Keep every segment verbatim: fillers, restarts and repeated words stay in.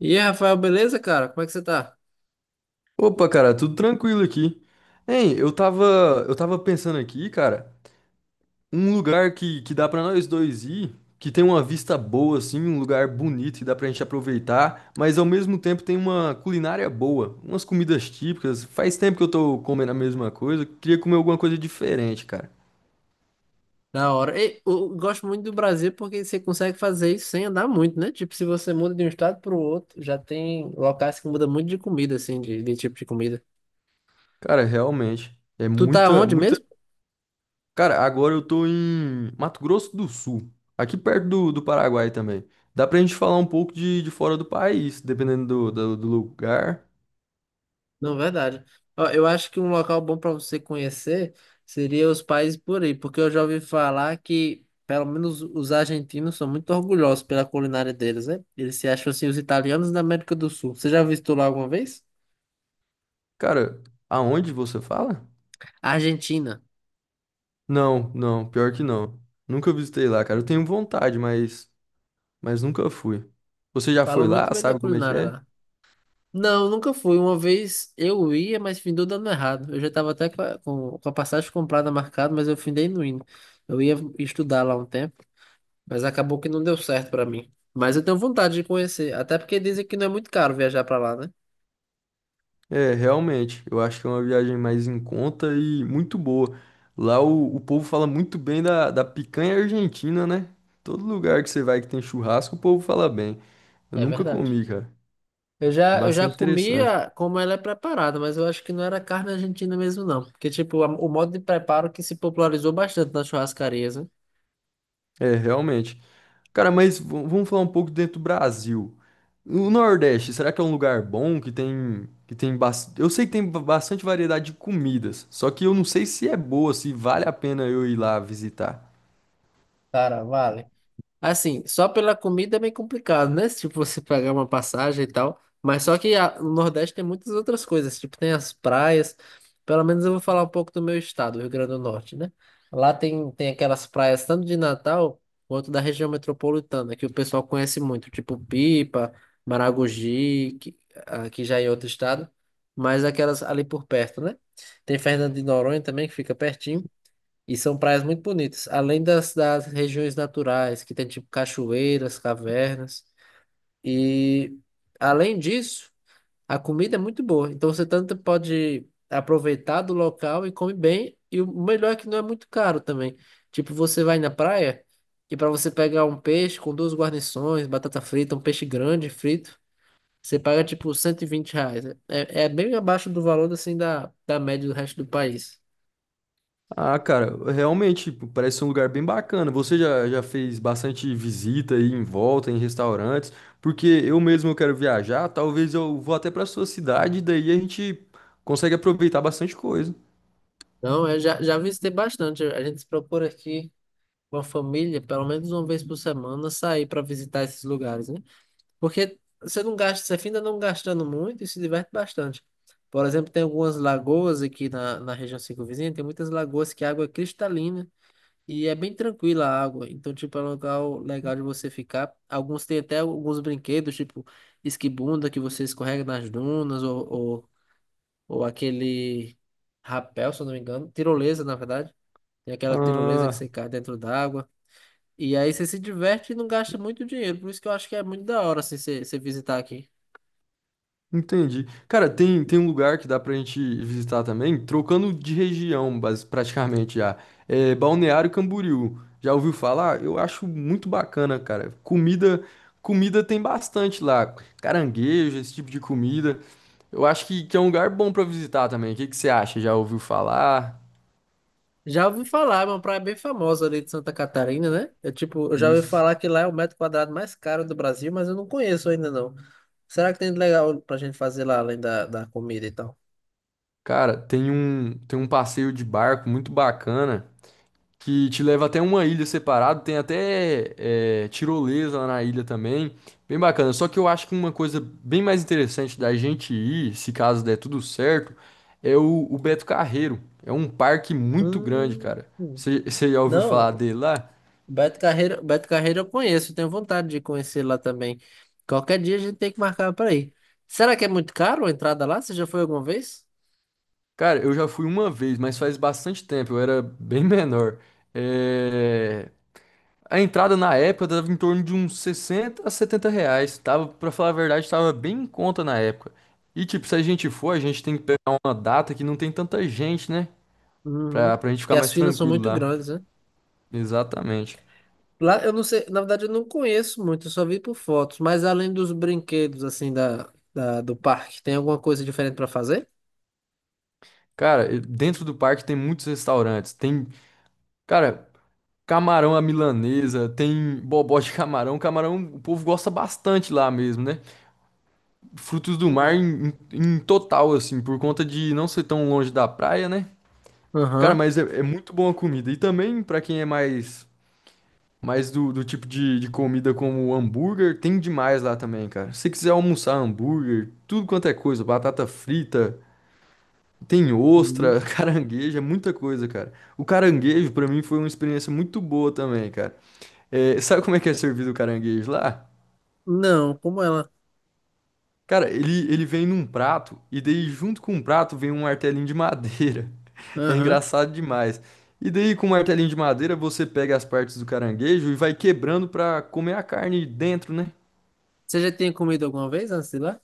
E aí, Rafael, beleza, cara? Como é que você tá? Opa, cara, tudo tranquilo aqui. Hein, eu tava, eu tava pensando aqui, cara, um lugar que, que dá pra nós dois ir, que tem uma vista boa, assim, um lugar bonito que dá pra gente aproveitar, mas ao mesmo tempo tem uma culinária boa, umas comidas típicas. Faz tempo que eu tô comendo a mesma coisa, queria comer alguma coisa diferente, cara. Da hora. E, eu gosto muito do Brasil porque você consegue fazer isso sem andar muito, né? Tipo, se você muda de um estado pro outro, já tem locais que muda muito de comida, assim, de, de tipo de comida. Cara, realmente, é Tu tá muita, onde muita. mesmo? Cara, agora eu tô em Mato Grosso do Sul, aqui perto do, do Paraguai também. Dá pra gente falar um pouco de, de fora do país, dependendo do, do, do lugar. Não, verdade. Ó, eu acho que um local bom para você conhecer seria os países por aí, porque eu já ouvi falar que, pelo menos, os argentinos são muito orgulhosos pela culinária deles, né? Eles se acham, assim, os italianos da América do Sul. Você já visitou lá alguma vez? Cara, aonde você fala? Argentina. Não, não, pior que não. Nunca visitei lá, cara. Eu tenho vontade, mas, mas nunca fui. Você já foi Falam muito lá? bem da Sabe como é que culinária é? lá. Não, nunca fui. Uma vez eu ia, mas findou dando errado. Eu já estava até com a, com- com a passagem comprada marcada, mas eu findei não indo. Eu ia estudar lá um tempo, mas acabou que não deu certo para mim. Mas eu tenho vontade de conhecer, até porque dizem que não é muito caro viajar para lá, né? É, realmente. Eu acho que é uma viagem mais em conta e muito boa. Lá o, o povo fala muito bem da, da picanha argentina, né? Todo lugar que você vai que tem churrasco, o povo fala bem. Eu É nunca verdade. comi, cara. Eu É já, eu já bastante interessante. comia como ela é preparada, mas eu acho que não era carne argentina mesmo, não. Porque, tipo, a- o modo de preparo que se popularizou bastante nas churrascarias, né? É, realmente. Cara, mas v- vamos falar um pouco dentro do Brasil. O Nordeste, será que é um lugar bom que tem que tem bas- Eu sei que tem ba- bastante variedade de comidas, só que eu não sei se é boa, se vale a pena eu ir lá visitar. Cara, vale. Assim, só pela comida é meio complicado, né? Se tipo, você pagar uma passagem e tal. Mas só que a- no Nordeste tem muitas outras coisas. Tipo, tem as praias. Pelo menos eu vou falar um pouco do meu estado, Rio Grande do Norte, né? Lá tem, tem aquelas praias tanto de Natal quanto da região metropolitana, que o pessoal conhece muito. Tipo, Pipa, Maragogi, que, ah, que já é outro estado. Mas aquelas ali por perto, né? Tem Fernando de Noronha também, que fica pertinho. E são praias muito bonitas, além das, das regiões naturais, que tem tipo cachoeiras, cavernas. E além disso, a comida é muito boa. Então você tanto pode aproveitar do local e come bem. E o melhor é que não é muito caro também. Tipo, você vai na praia e para você pegar um peixe com duas guarnições, batata frita, um peixe grande frito, você paga tipo cento e vinte reais. É, é bem abaixo do valor assim da, da média do resto do país. Ah, cara, realmente p- parece ser um lugar bem bacana. Você já, já fez bastante visita aí em volta, em restaurantes, porque eu mesmo eu quero viajar, talvez eu vou até para sua cidade, daí a gente consegue aproveitar bastante coisa. Não, eu já, já visitei bastante. A gente procura aqui com a família, pelo menos uma vez por semana, sair para visitar esses lugares, né? Porque você não gasta, você ainda não gastando muito e se diverte bastante. Por exemplo, tem algumas lagoas aqui na, na região circunvizinha, tem muitas lagoas que a água é cristalina e é bem tranquila a água. Então, tipo, é um lugar legal de você ficar. Alguns têm até alguns brinquedos, tipo esquibunda, que você escorrega nas dunas, ou, ou, ou aquele rapel, se eu não me engano, tirolesa, na verdade tem aquela tirolesa que Ah, você cai dentro d'água. E aí você se diverte e não gasta muito dinheiro. Por isso que eu acho que é muito da hora, assim, você você visitar aqui. entendi. Cara, tem, tem um lugar que dá pra gente visitar também, trocando de região, bas- praticamente já. É Balneário Camboriú. Já ouviu falar? Eu acho muito bacana, cara. Comida, comida tem bastante lá. Caranguejo, esse tipo de comida. Eu acho que, que é um lugar bom pra visitar também. O que que você acha? Já ouviu falar? Já ouvi falar, é uma praia bem famosa ali de Santa Catarina, né? Eu, tipo, eu já ouvi Isso. falar que lá é o metro quadrado mais caro do Brasil, mas eu não conheço ainda, não. Será que tem de legal pra gente fazer lá, além da, da comida e tal? Cara, tem um, tem um passeio de barco muito bacana que te leva até uma ilha separada. Tem até é, tirolesa lá na ilha também. Bem bacana. Só que eu acho que uma coisa bem mais interessante da gente ir, se caso der tudo certo, é o, o Beto Carreiro. É um parque muito grande, Hum. cara. Você você já ouviu falar Não, dele lá? Beto Carreiro, Beto Carreiro eu conheço, tenho vontade de conhecer lá também. Qualquer dia a gente tem que marcar pra ir. Será que é muito caro a entrada lá? Você já foi alguma vez? Cara, eu já fui uma vez, mas faz bastante tempo. Eu era bem menor. É... A entrada na época dava em torno de uns sessenta a setenta reais. Tava, pra falar a verdade, tava bem em conta na época. E tipo, se a gente for, a gente tem que pegar uma data que não tem tanta gente, né? Uhum. Pra, pra gente ficar Porque as mais filas são tranquilo muito lá. grandes, né? Exatamente. Lá, eu não sei, na verdade eu não conheço muito, eu só vi por fotos, mas além dos brinquedos, assim, da, da- do parque, tem alguma coisa diferente para fazer? Cara, e dentro do parque tem muitos restaurantes. Tem, cara, camarão à milanesa, tem bobó de camarão. Camarão, o povo gosta bastante lá mesmo, né? Frutos do mar em, em em total, assim, por conta de não ser tão longe da praia, né? Cara, Aham. mas é, é muito boa a comida. E também, pra quem é mais, mais do, do tipo de, de comida como hambúrguer, tem demais lá também, cara. Se você quiser almoçar hambúrguer, tudo quanto é coisa, batata frita, tem Uhum. ostra, caranguejo, é muita coisa, cara. O caranguejo, pra mim, foi uma experiência muito boa também, cara. É, sabe como é que é servido o caranguejo lá? Não, como ela? Cara, ele, ele vem num prato e daí junto com o prato vem um martelinho de madeira. É Aham. engraçado demais. E daí com o martelinho de madeira você pega as partes do caranguejo e vai quebrando pra comer a carne dentro, né? Você já tinha comido alguma vez antes de ir lá?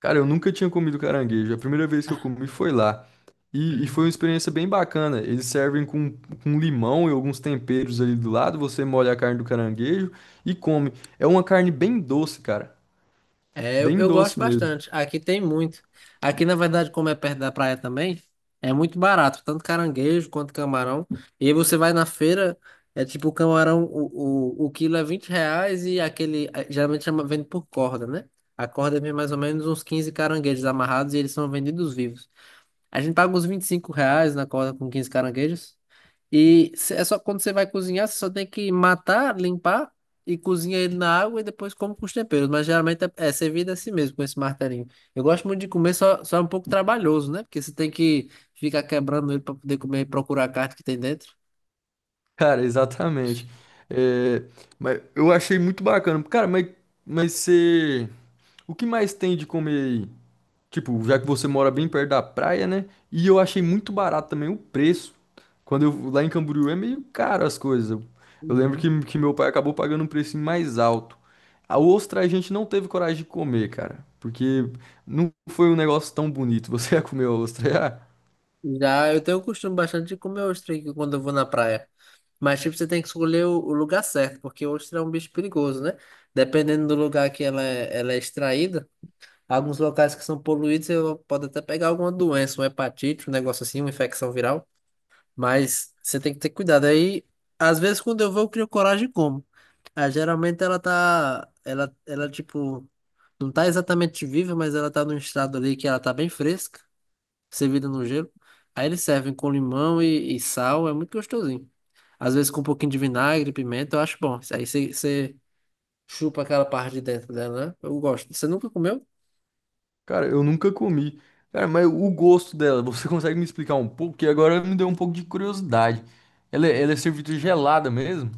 Cara, eu nunca tinha comido caranguejo. A primeira vez que eu comi foi lá. E, e foi uma experiência bem bacana. Eles servem com, com limão e alguns temperos ali do lado. Você molha a carne do caranguejo e come. É uma carne bem doce, cara. É, eu, Bem eu gosto doce mesmo. bastante. Aqui tem muito. Aqui, na verdade, como é perto da praia também, é muito barato, tanto caranguejo quanto camarão. E aí você vai na feira, é tipo o camarão, o, o, o quilo é vinte reais e aquele, eh, geralmente chama, vende por corda, né? A corda vem mais ou menos uns quinze caranguejos amarrados e eles são vendidos vivos. A gente paga uns vinte e cinco reais na corda com quinze caranguejos. E cê- é só quando você vai cozinhar, você só tem que matar, limpar e cozinha ele na água e depois come com os temperos. Mas geralmente é, é servido assim mesmo, com esse martelinho. Eu gosto muito de comer, só, só é um pouco trabalhoso, né? Porque você tem que ficar quebrando ele para poder comer e procurar a carne que tem dentro. Cara, exatamente. É, mas eu achei muito bacana. Cara, mas, mas você. O que mais tem de comer aí? Tipo, já que você mora bem perto da praia, né? E eu achei muito barato também o preço. Quando eu lá em Camboriú é meio caro as coisas. Eu, eu lembro que, Uhum. que meu pai acabou pagando um preço mais alto. A ostra a gente não teve coragem de comer, cara. Porque não foi um negócio tão bonito. Você ia comer a ostra, já? Já eu tenho o costume bastante de comer ostra aqui quando eu vou na praia. Mas, tipo, você tem que escolher o, o lugar certo, porque ostra é um bicho perigoso, né? Dependendo do lugar que ela é, ela é extraída. Alguns locais que são poluídos, eu pode até pegar alguma doença, uma hepatite, um negócio assim, uma infecção viral. Mas você tem que ter cuidado. Aí, às vezes, quando eu vou, eu crio coragem e como. Ah, geralmente ela tá. Ela, ela, tipo, não tá exatamente viva, mas ela tá num estado ali que ela tá bem fresca, servida no gelo. Aí eles servem com limão e, e sal, é muito gostosinho. Às vezes com um pouquinho de vinagre, pimenta, eu acho bom. Aí você você chupa aquela parte de dentro dela, né? Eu gosto. Você nunca comeu? Cara, eu nunca comi. Cara, mas o gosto dela, você consegue me explicar um pouco? Que agora me deu um pouco de curiosidade. Ela, é- ela é servida gelada mesmo?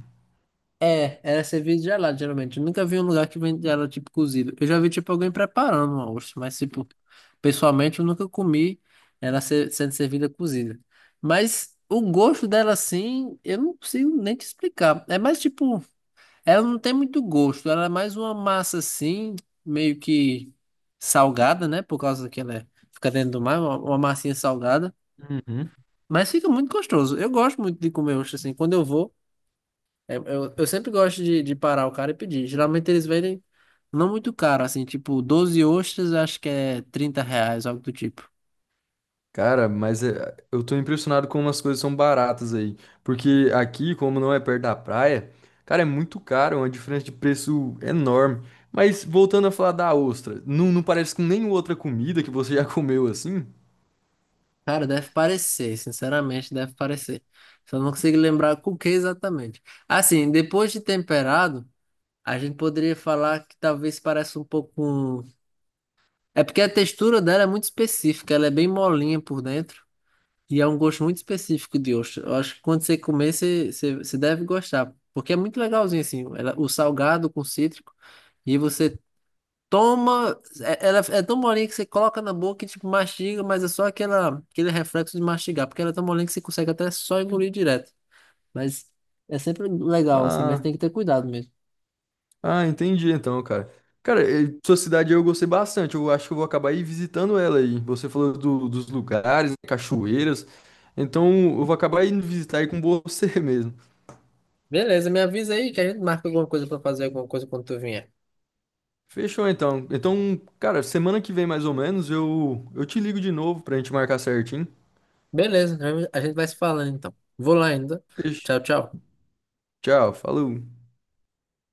É, era servido gelado, geralmente. Eu nunca vi um lugar que vende ela tipo cozido. Eu já vi tipo alguém preparando uma ostra, mas tipo, pessoalmente eu nunca comi ela ser- sendo servida cozida. Mas o gosto dela assim, eu não consigo nem te explicar. É mais tipo, ela não tem muito gosto, ela é mais uma massa assim, meio que salgada, né? Por causa que ela é- fica dentro do mar, uma, uma massinha salgada. Uhum. Mas fica muito gostoso. Eu gosto muito de comer ostra assim. Quando eu vou. É, eu, eu sempre gosto de, de parar o cara e pedir. Geralmente eles vendem não muito caro, assim, tipo, doze ostras, acho que é trinta reais, algo do tipo. Cara, mas é- eu tô impressionado como as coisas são baratas aí. Porque aqui, como não é perto da praia, cara, é muito caro, é uma diferença de preço enorme. Mas voltando a falar da ostra, não, não parece com nenhuma outra comida que você já comeu assim? Cara, deve parecer, sinceramente, deve parecer. Só não consigo lembrar com o que exatamente. Assim, depois de temperado, a gente poderia falar que talvez pareça um pouco um... É porque a textura dela é muito específica, ela é bem molinha por dentro. E é um gosto muito específico de ostra. Eu acho que quando você comer, você, você, você deve gostar. Porque é muito legalzinho, assim. Ela- o salgado com cítrico. E você toma. é- Ela é tão molinha que você coloca na boca e tipo, mastiga, mas é só aquela, aquele reflexo de mastigar. Porque ela é tão molinha que você consegue até só engolir direto. Mas é sempre legal, assim. Mas Ah. tem que ter cuidado mesmo. Ah, entendi então, cara. Cara, eh, sua cidade eu gostei bastante. Eu acho que eu vou acabar aí visitando ela aí. Você falou do- dos lugares, né, cachoeiras. Então eu vou acabar indo visitar aí com você mesmo. Beleza, me avisa aí que a gente marca alguma coisa pra fazer, alguma coisa quando tu vier. Fechou então. Então, cara, semana que vem mais ou menos eu, eu te ligo de novo pra gente marcar certinho. Beleza, a gente vai se falando então. Vou lá ainda. Fechou. Tchau, tchau. Tchau, falou.